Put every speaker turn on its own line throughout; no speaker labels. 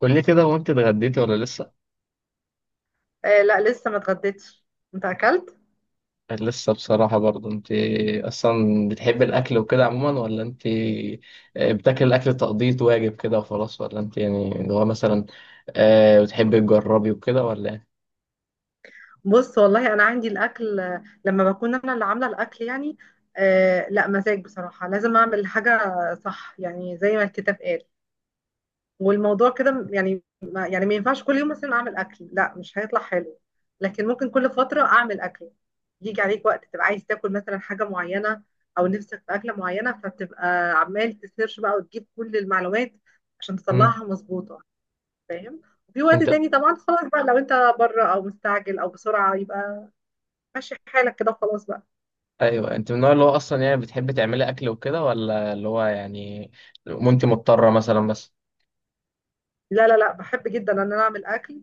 قول لي كده، وانت اتغديتي ولا لسه؟
آه، لا لسه ما اتغديتش. انت اكلت؟
يعني لسه بصراحة برضه. انت اصلا بتحبي الاكل وكده عموما، ولا انت بتاكل الاكل تقضية واجب كده وخلاص، ولا انت يعني اللي هو مثلا بتحبي تجربي وكده، ولا ايه؟
بص والله انا عندي الاكل آه، لما بكون انا اللي عامله الاكل يعني. آه لا، مزاج بصراحه، لازم اعمل حاجه صح، يعني زي ما الكتاب قال. والموضوع كده يعني ما ينفعش كل يوم مثلا اعمل اكل، لا مش هيطلع حلو. لكن ممكن كل فتره اعمل اكل. يجي عليك وقت تبقى عايز تاكل مثلا حاجه معينه او نفسك في اكله معينه، فبتبقى عمال تسيرش بقى وتجيب كل المعلومات عشان
مم.
تطلعها مظبوطه، فاهم؟ وفي وقت
انت
تاني طبعا خلاص بقى، لو انت بره او مستعجل او بسرعه، يبقى ماشي حالك كده وخلاص بقى.
ايوه، انت من النوع اللي هو اصلا يعني بتحبي تعملي اكل وكده، ولا اللي هو يعني وانت مضطرة مثلا بس؟
لا لا لا، بحب جدا ان انا اعمل اكل.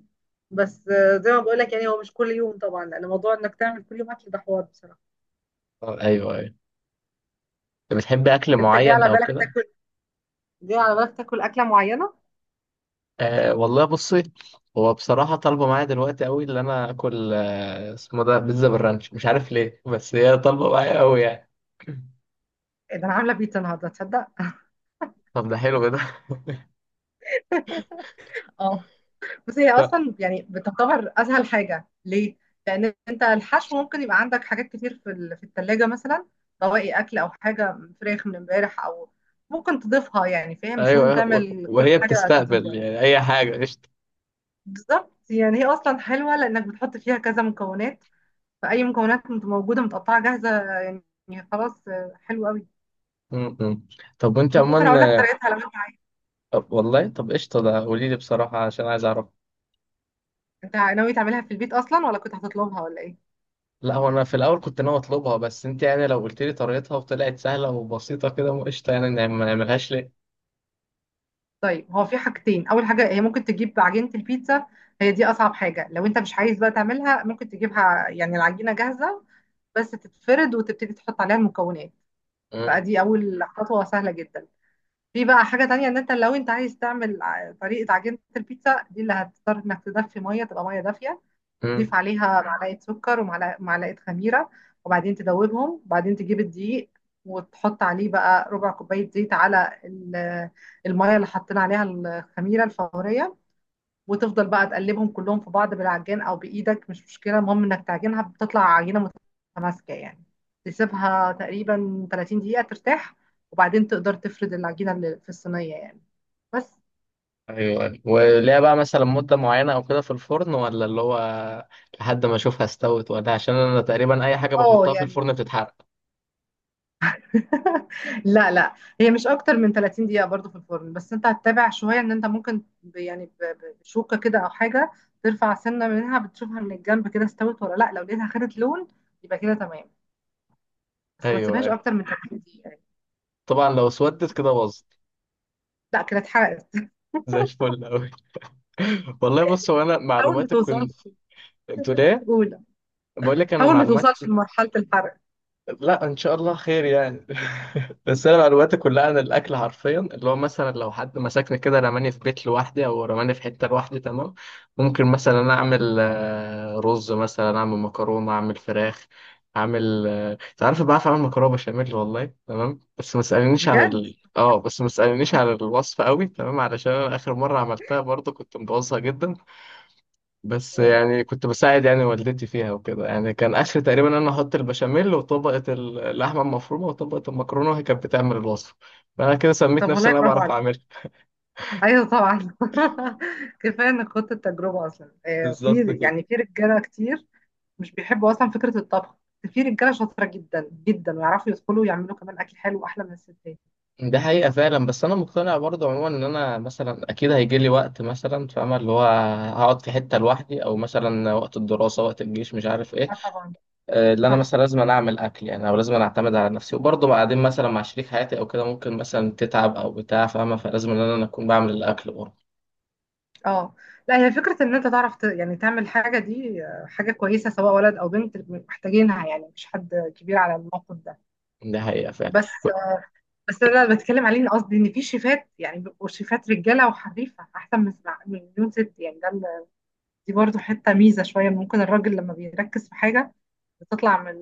بس آه، زي ما بقول لك يعني، هو مش كل يوم طبعا، لان موضوع انك تعمل كل يوم اكل ده حوار بصراحه.
ايوه، ايوه. انت بتحبي اكل
انت جاي
معين
على
او
بالك
كده؟
تاكل، جاي على بالك تاكل اكله معينه.
أه والله بصي. هو بصراحة طالبة معايا دلوقتي قوي اللي أنا آكل، اسمه ده بيتزا بالرانش، مش عارف ليه، بس هي طالبة معايا قوي يعني.
إيه ده، انا عامله بيتزا النهارده، تصدق؟
طب ده حلو ده.
بس هي
ف-
اصلا يعني بتعتبر اسهل حاجه ليه، لان انت الحشو ممكن يبقى عندك حاجات كتير في الثلاجه مثلا، بواقي اكل او حاجه فراخ من امبارح او ممكن تضيفها يعني، فاهم؟ مش
أيوه
لازم
أيوه،
تعمل كل
وهي
حاجه
بتستقبل
جديده.
يعني أي حاجة، قشطة.
بالظبط، يعني هي اصلا حلوه لانك بتحط فيها كذا مكونات، فاي مكونات موجوده متقطعه جاهزه يعني خلاص آه، حلو قوي.
م- م. طب وأنت
ممكن
عموما
اقول لك طريقتها لو انت عايز.
طب والله، طب قشطة، ده قولي لي بصراحة عشان عايز أعرف.
انت ناوي تعملها في البيت اصلا ولا كنت هتطلبها ولا ايه؟
لا هو أنا في الأول كنت ناوي أطلبها، بس أنت يعني لو قلت لي طريقتها وطلعت سهلة وبسيطة كده، قشطة، يعني ما نعملهاش ليه؟
طيب، هو في حاجتين. اول حاجه، هي ممكن تجيب عجينه البيتزا، هي دي اصعب حاجه. لو انت مش عايز بقى تعملها، ممكن تجيبها يعني العجينه جاهزه، بس تتفرد وتبتدي تحط عليها المكونات.
م-
فدي اول خطوه سهله جدا. في بقى حاجه تانية، ان انت لو انت عايز تعمل طريقه عجينه البيتزا دي، اللي هتضطر انك تدفي ميه، تبقى ميه دافيه،
م.
تضيف عليها معلقة سكر ومعلقة خميرة، وبعدين تدوبهم، وبعدين تجيب الدقيق وتحط عليه بقى ربع كوباية زيت على المية اللي حطينا عليها الخميرة الفورية، وتفضل بقى تقلبهم كلهم في بعض بالعجان أو بإيدك مش مشكلة، المهم إنك تعجنها بتطلع عجينة متماسكة يعني. تسيبها تقريبا 30 دقيقة ترتاح، وبعدين تقدر تفرد العجينة اللي في الصينية يعني، بس.
ايوه أيوة. وليها بقى مثلا مده معينه او كده في الفرن، ولا اللي هو لحد ما اشوفها استوت؟ ولا عشان انا تقريبا اي حاجه
اه
بحطها في
يعني،
الفرن بتتحرق.
لا لا، هي مش اكتر من 30 دقيقة برضو في الفرن، بس انت هتتابع شوية. ان انت ممكن بشوكة كده او حاجة ترفع سنة منها، بتشوفها من الجنب كده استوت ولا لا. لو لقيتها خدت لون، يبقى كده تمام. بس ما
ايوه
تسيبهاش
ايوه،
اكتر من 30 دقيقة يعني.
طبعا لو اسودت كده باظت.
لا كده اتحرقت.
زي الفل قوي. والله بص، هو انا
حاول ما
معلوماتي كنت.
توصلش
بتقول ايه؟
اولى.
بقول لك، انا
حاول ما توصلش
معلوماتي.
لمرحلة الحرق.
لا ان شاء الله خير يعني. بس انا معلوماتي كلها عن الاكل حرفيا اللي هو مثلا لو حد مسكني كده رماني في بيت لوحدي او رماني في حته لوحدي، تمام. ممكن مثلا انا اعمل رز، مثلا اعمل مكرونه، اعمل فراخ، اعمل انت عارف، بعرف اعمل مكرونه بشاميل والله، تمام.
بجد.
بس ما تسالنيش عن الوصفه قوي، تمام علشان انا اخر مره عملتها برضو كنت مبوظها جدا. بس
أوه.
يعني كنت بساعد يعني والدتي فيها وكده، يعني كان اخر تقريبا انا احط البشاميل وطبقه اللحمه المفرومه وطبقه المكرونه وهي كانت بتعمل الوصفه. فانا كده سميت
طب
نفسي ان
والله
انا
برافو
بعرف
عليك.
اعملها.
ايوه طبعا. كفايه انك خدت التجربه اصلا آه،
بالظبط
في
كده.
يعني في رجاله كتير مش بيحبوا اصلا فكره الطبخ، بس في رجاله شاطره جدا جدا ويعرفوا يدخلوا ويعملوا كمان اكل حلو واحلى من الستات.
ده حقيقة فعلا، بس أنا مقتنع برضه عموما إن أنا مثلا أكيد هيجي لي وقت مثلا فاهمة اللي هو هقعد في حتة لوحدي، أو مثلا وقت الدراسة، وقت الجيش، مش عارف إيه.
اه طبعا.
اللي أنا
صح.
مثلا لازم أنا أعمل أكل يعني، أو لازم أنا أعتمد على نفسي، وبرضه بعدين مثلا مع شريك حياتي أو كده ممكن مثلا تتعب أو بتاع، فاهمة، فلازم إن أنا أكون بعمل الأكل برضه.
اه لا، هي فكره ان انت تعرف يعني تعمل حاجه دي آه، حاجه كويسه، سواء ولد او بنت محتاجينها يعني، مش حد كبير على الموقف ده.
ده حقيقة فعلا.
بس، بس انا اللي بتكلم عليه إن قصدي ان في شيفات، يعني بيبقوا شيفات رجاله وحريفه احسن من من مليون ست يعني. دي برضو حته ميزه شويه، ممكن الراجل لما بيركز في حاجه بتطلع من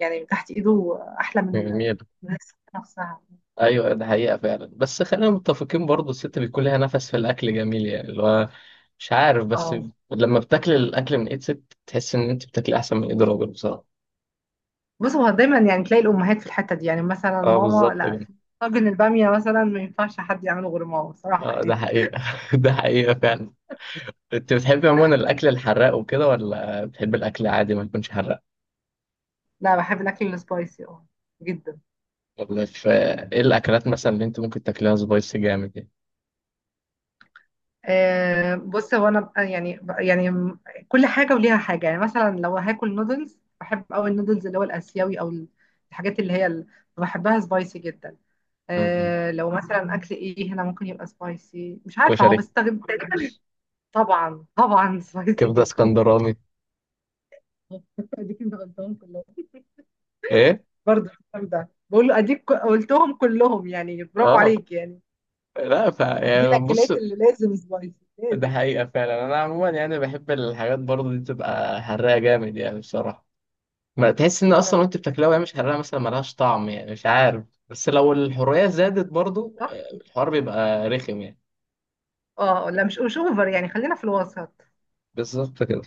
يعني من تحت ايده احلى من
جميل.
من الست نفسها.
ايوه، ده حقيقة فعلا بس خلينا متفقين برضو الست بيكون لها نفس في الاكل، جميل يعني اللي هو مش عارف، بس
اه،
لما بتاكل الاكل من ايد ست تحس ان انت بتاكلي احسن من ايد راجل بصراحة.
بص هو دايما يعني تلاقي الامهات في الحته دي، يعني مثلا
اه،
ماما
بالظبط
لا،
كده.
في طاجن الباميه مثلا ما ينفعش حد يعمله غير ماما بصراحه
اه، ده
يعني.
حقيقة ده حقيقة فعلا. انت بتحبي عموما الاكل الحراق وكده، ولا بتحبي الاكل عادي ما يكونش حراق؟
لا بحب الاكل السبايسي، اه، جدا.
ولا في؟ ايه الاكلات مثلا اللي انت ممكن تاكليها سبايسي جامد يعني؟
آه، بص هو انا كل حاجه وليها حاجه يعني. مثلا لو هاكل نودلز، بحب قوي النودلز اللي هو الاسيوي او الحاجات اللي هي اللي بحبها سبايسي جدا.
م- م.
آه لو مثلا اكل ايه هنا ممكن يبقى سبايسي، مش عارفه هو
كشري.
بستخدم تقريبا. طبعا طبعا سبايسي
كبدة
جدا.
اسكندراني.
دي كنت غلطان كلهم.
ايه.
برضه الفطار ده، بقول له اديك قلتهم كلهم يعني، برافو
اه،
عليك يعني.
لا
دي
يعني بص.
الاكلات اللي لازم سبايسي،
ده
لازم.
حقيقة فعلا، أنا عموما يعني بحب الحاجات برضه دي تبقى حراقة جامد يعني بصراحة. ما تحس إن
اه،
أصلا وأنت بتاكلها وهي مش حراقة مثلا ملهاش طعم يعني مش عارف، بس لو الحرية زادت برضه
صح؟
الحوار بيبقى رخم يعني.
اه لا مش مش اوفر يعني، خلينا في الوسط.
بالظبط كده.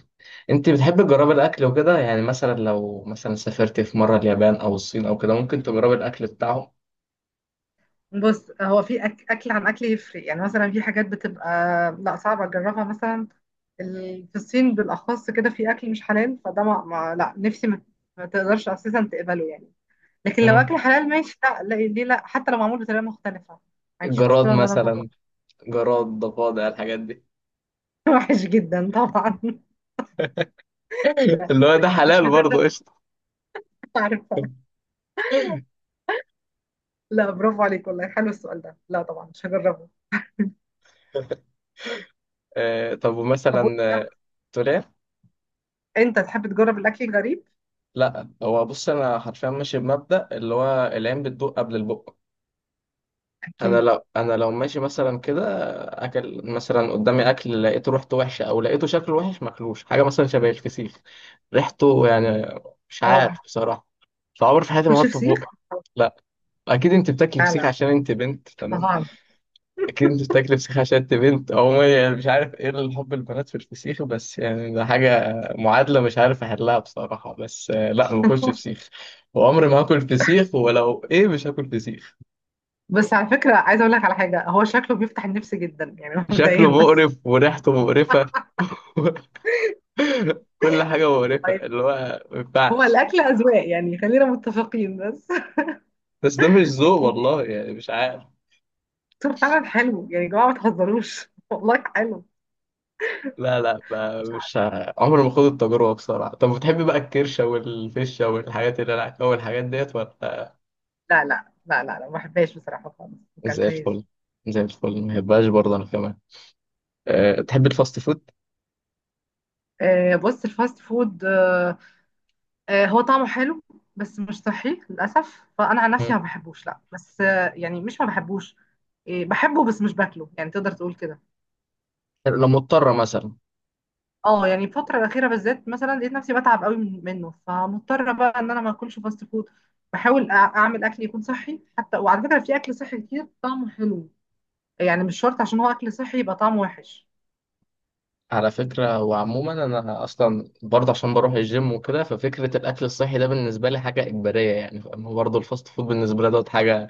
أنت بتحب تجربي الأكل وكده، يعني مثلا لو مثلا سافرت في مرة اليابان أو الصين أو كده، ممكن تجربي الأكل بتاعهم؟
بص هو في اكل عن اكل يفرق، يعني مثلا في حاجات بتبقى لا صعبه اجربها مثلا. في الصين بالاخص كده في اكل مش حلال، فده ما... ما... لا نفسي ما... ما تقدرش اساسا تقبله يعني. لكن لو
مم.
اكل حلال ماشي، لا لا ليه، لا حتى لو معمول بطريقه مختلفه ما عنديش
جراد
مشكله ان انا اجربه.
مثلا، جراد، ضفادع، الحاجات دي.
وحش جدا طبعا. لا،
اللي هو ده
مش
حلال برضه،
هجرب.
قشطة.
عارفة. لا برافو عليك والله، حلو السؤال ده، لا طبعا مش هجربه.
طب
طب
ومثلا
وإنت-
تقول إيه؟
انت تحب تجرب الاكل الغريب؟
لا هو بص انا حرفيا ماشي بمبدأ اللي هو العين بتدوق قبل البق. انا
اكيد.
لو انا لو ماشي مثلا كده، اكل مثلا قدامي، اكل لقيته ريحته وحشه او لقيته شكله وحش، ماكلوش حاجه مثلا شبه الفسيخ، ريحته يعني مش
اه،
عارف بصراحه، فعمر في حياتي ما
تاكلش
احطه في
فسيخ.
بقي. لا. اكيد انت بتاكلي فسيخ
فعلا،
عشان انت بنت.
طبعا.
اكيد انت بتاكل فسيخ عشان انت بنت عموما، يعني مش عارف ايه الحب البنات في الفسيخ، بس يعني ده حاجه معادله مش عارف احلها بصراحه، بس لا ما باكلش فسيخ. وعمري ما هاكل فسيخ، ولو ايه مش هاكل فسيخ.
بس على فكرة عايزة اقول لك على حاجة، هو شكله بيفتح النفس جدا يعني مبدئيا
شكله
بس.
مقرف وريحته مقرفه. كل حاجه مقرفه
طيب،
اللي هو ما
هو
ينفعش.
الاكل اذواق يعني، خلينا متفقين بس.
بس ده مش ذوق
اكيد يعني.
والله يعني مش عارف.
طول، فعلا حلو يعني، يا جماعة ما تهزروش والله حلو.
لا لا، ما-
مش عارف.
مش ه- عمري ما خد التجربه بصراحه. طب بتحبي بقى الكرشه والفشه والحاجات اللي انا اول الحاجات ديت ولا؟
لا لا لا لا لا، ما بحبهاش بصراحة خالص، ما
زي
اكلتهاش.
الفل. زي الفل، ما يبقاش برضه انا كمان. أه تحب الفاست فود؟
آه، بص الفاست فود آه، آه، هو طعمه حلو بس مش صحي للأسف، فأنا عن نفسي ما
مم.
بحبوش، لا بس آه، يعني مش ما بحبوش، إيه، بحبه بس مش باكله، يعني تقدر تقول كده.
لو مضطرة مثلا.
اه يعني الفترة الأخيرة بالذات مثلا لقيت نفسي بتعب قوي منه، فمضطرة بقى إن أنا ما أكلش فاست فود. بحاول أعمل أكل يكون صحي حتى. وعلى فكرة في أكل صحي كتير طعمه حلو، يعني مش شرط عشان هو أكل صحي يبقى طعمه وحش.
على فكرة وعموما انا اصلا برضه عشان بروح الجيم وكده، ففكرة الاكل الصحي ده بالنسبة لي حاجة اجبارية يعني فاهم، هو برضه الفاست فود بالنسبة لي دوت حاجة،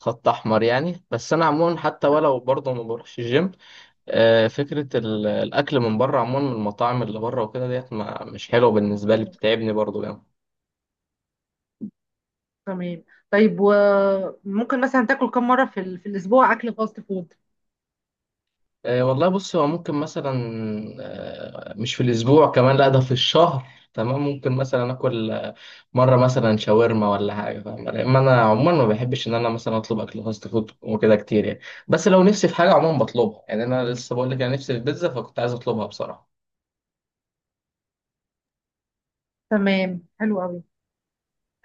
خط احمر يعني، بس انا عموما حتى
آه.
ولو برضه ما بروحش الجيم. أه فكرة الاكل من بره عموما من المطاعم اللي بره وكده ديت مش حلوة بالنسبة لي،
آه.
بتتعبني برضه يعني.
تمام. طيب، وممكن مثلا تاكل كم مرة في الأسبوع أكل فاست فود؟
والله بص، هو ممكن مثلا مش في الأسبوع كمان، لا ده في الشهر، تمام. ممكن مثلا آكل مرة مثلا شاورما ولا حاجة فاهم، لأن أنا عموما ما بحبش إن أنا مثلا أطلب أكل فاست فود وكده كتير يعني. بس لو نفسي في حاجة عموما بطلبها، يعني أنا لسه بقول لك أنا نفسي في بيتزا، فكنت عايز أطلبها بصراحة.
تمام، حلو قوي.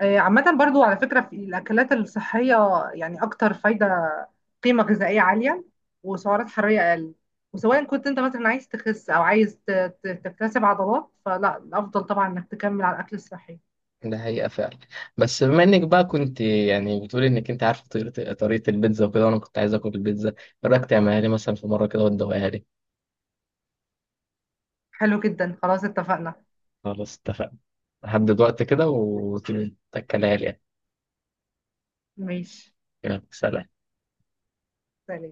آه، عامة برضو على فكرة في الأكلات الصحية يعني أكتر فايدة، قيمة غذائية عالية، وسعرات حرارية أقل. وسواء كنت أنت مثلا عايز تخس أو عايز تكتسب عضلات، فلا الأفضل طبعا إنك تكمل على الأكل الصحي.
ده حقيقة فعلا، بس بما إنك بقى كنت يعني بتقولي إنك أنت عارفة طريقة البيتزا وكده، وأنا كنت عايز آكل البيتزا، إيه رأيك تعملها لي مثلا في مرة كده وتدوقها لي؟
حلو جدا، خلاص اتفقنا.
خلاص اتفقنا. هحدد وقت كده وتاكلها لي يعني.
ماشي.
تمام، سلام.
سلام.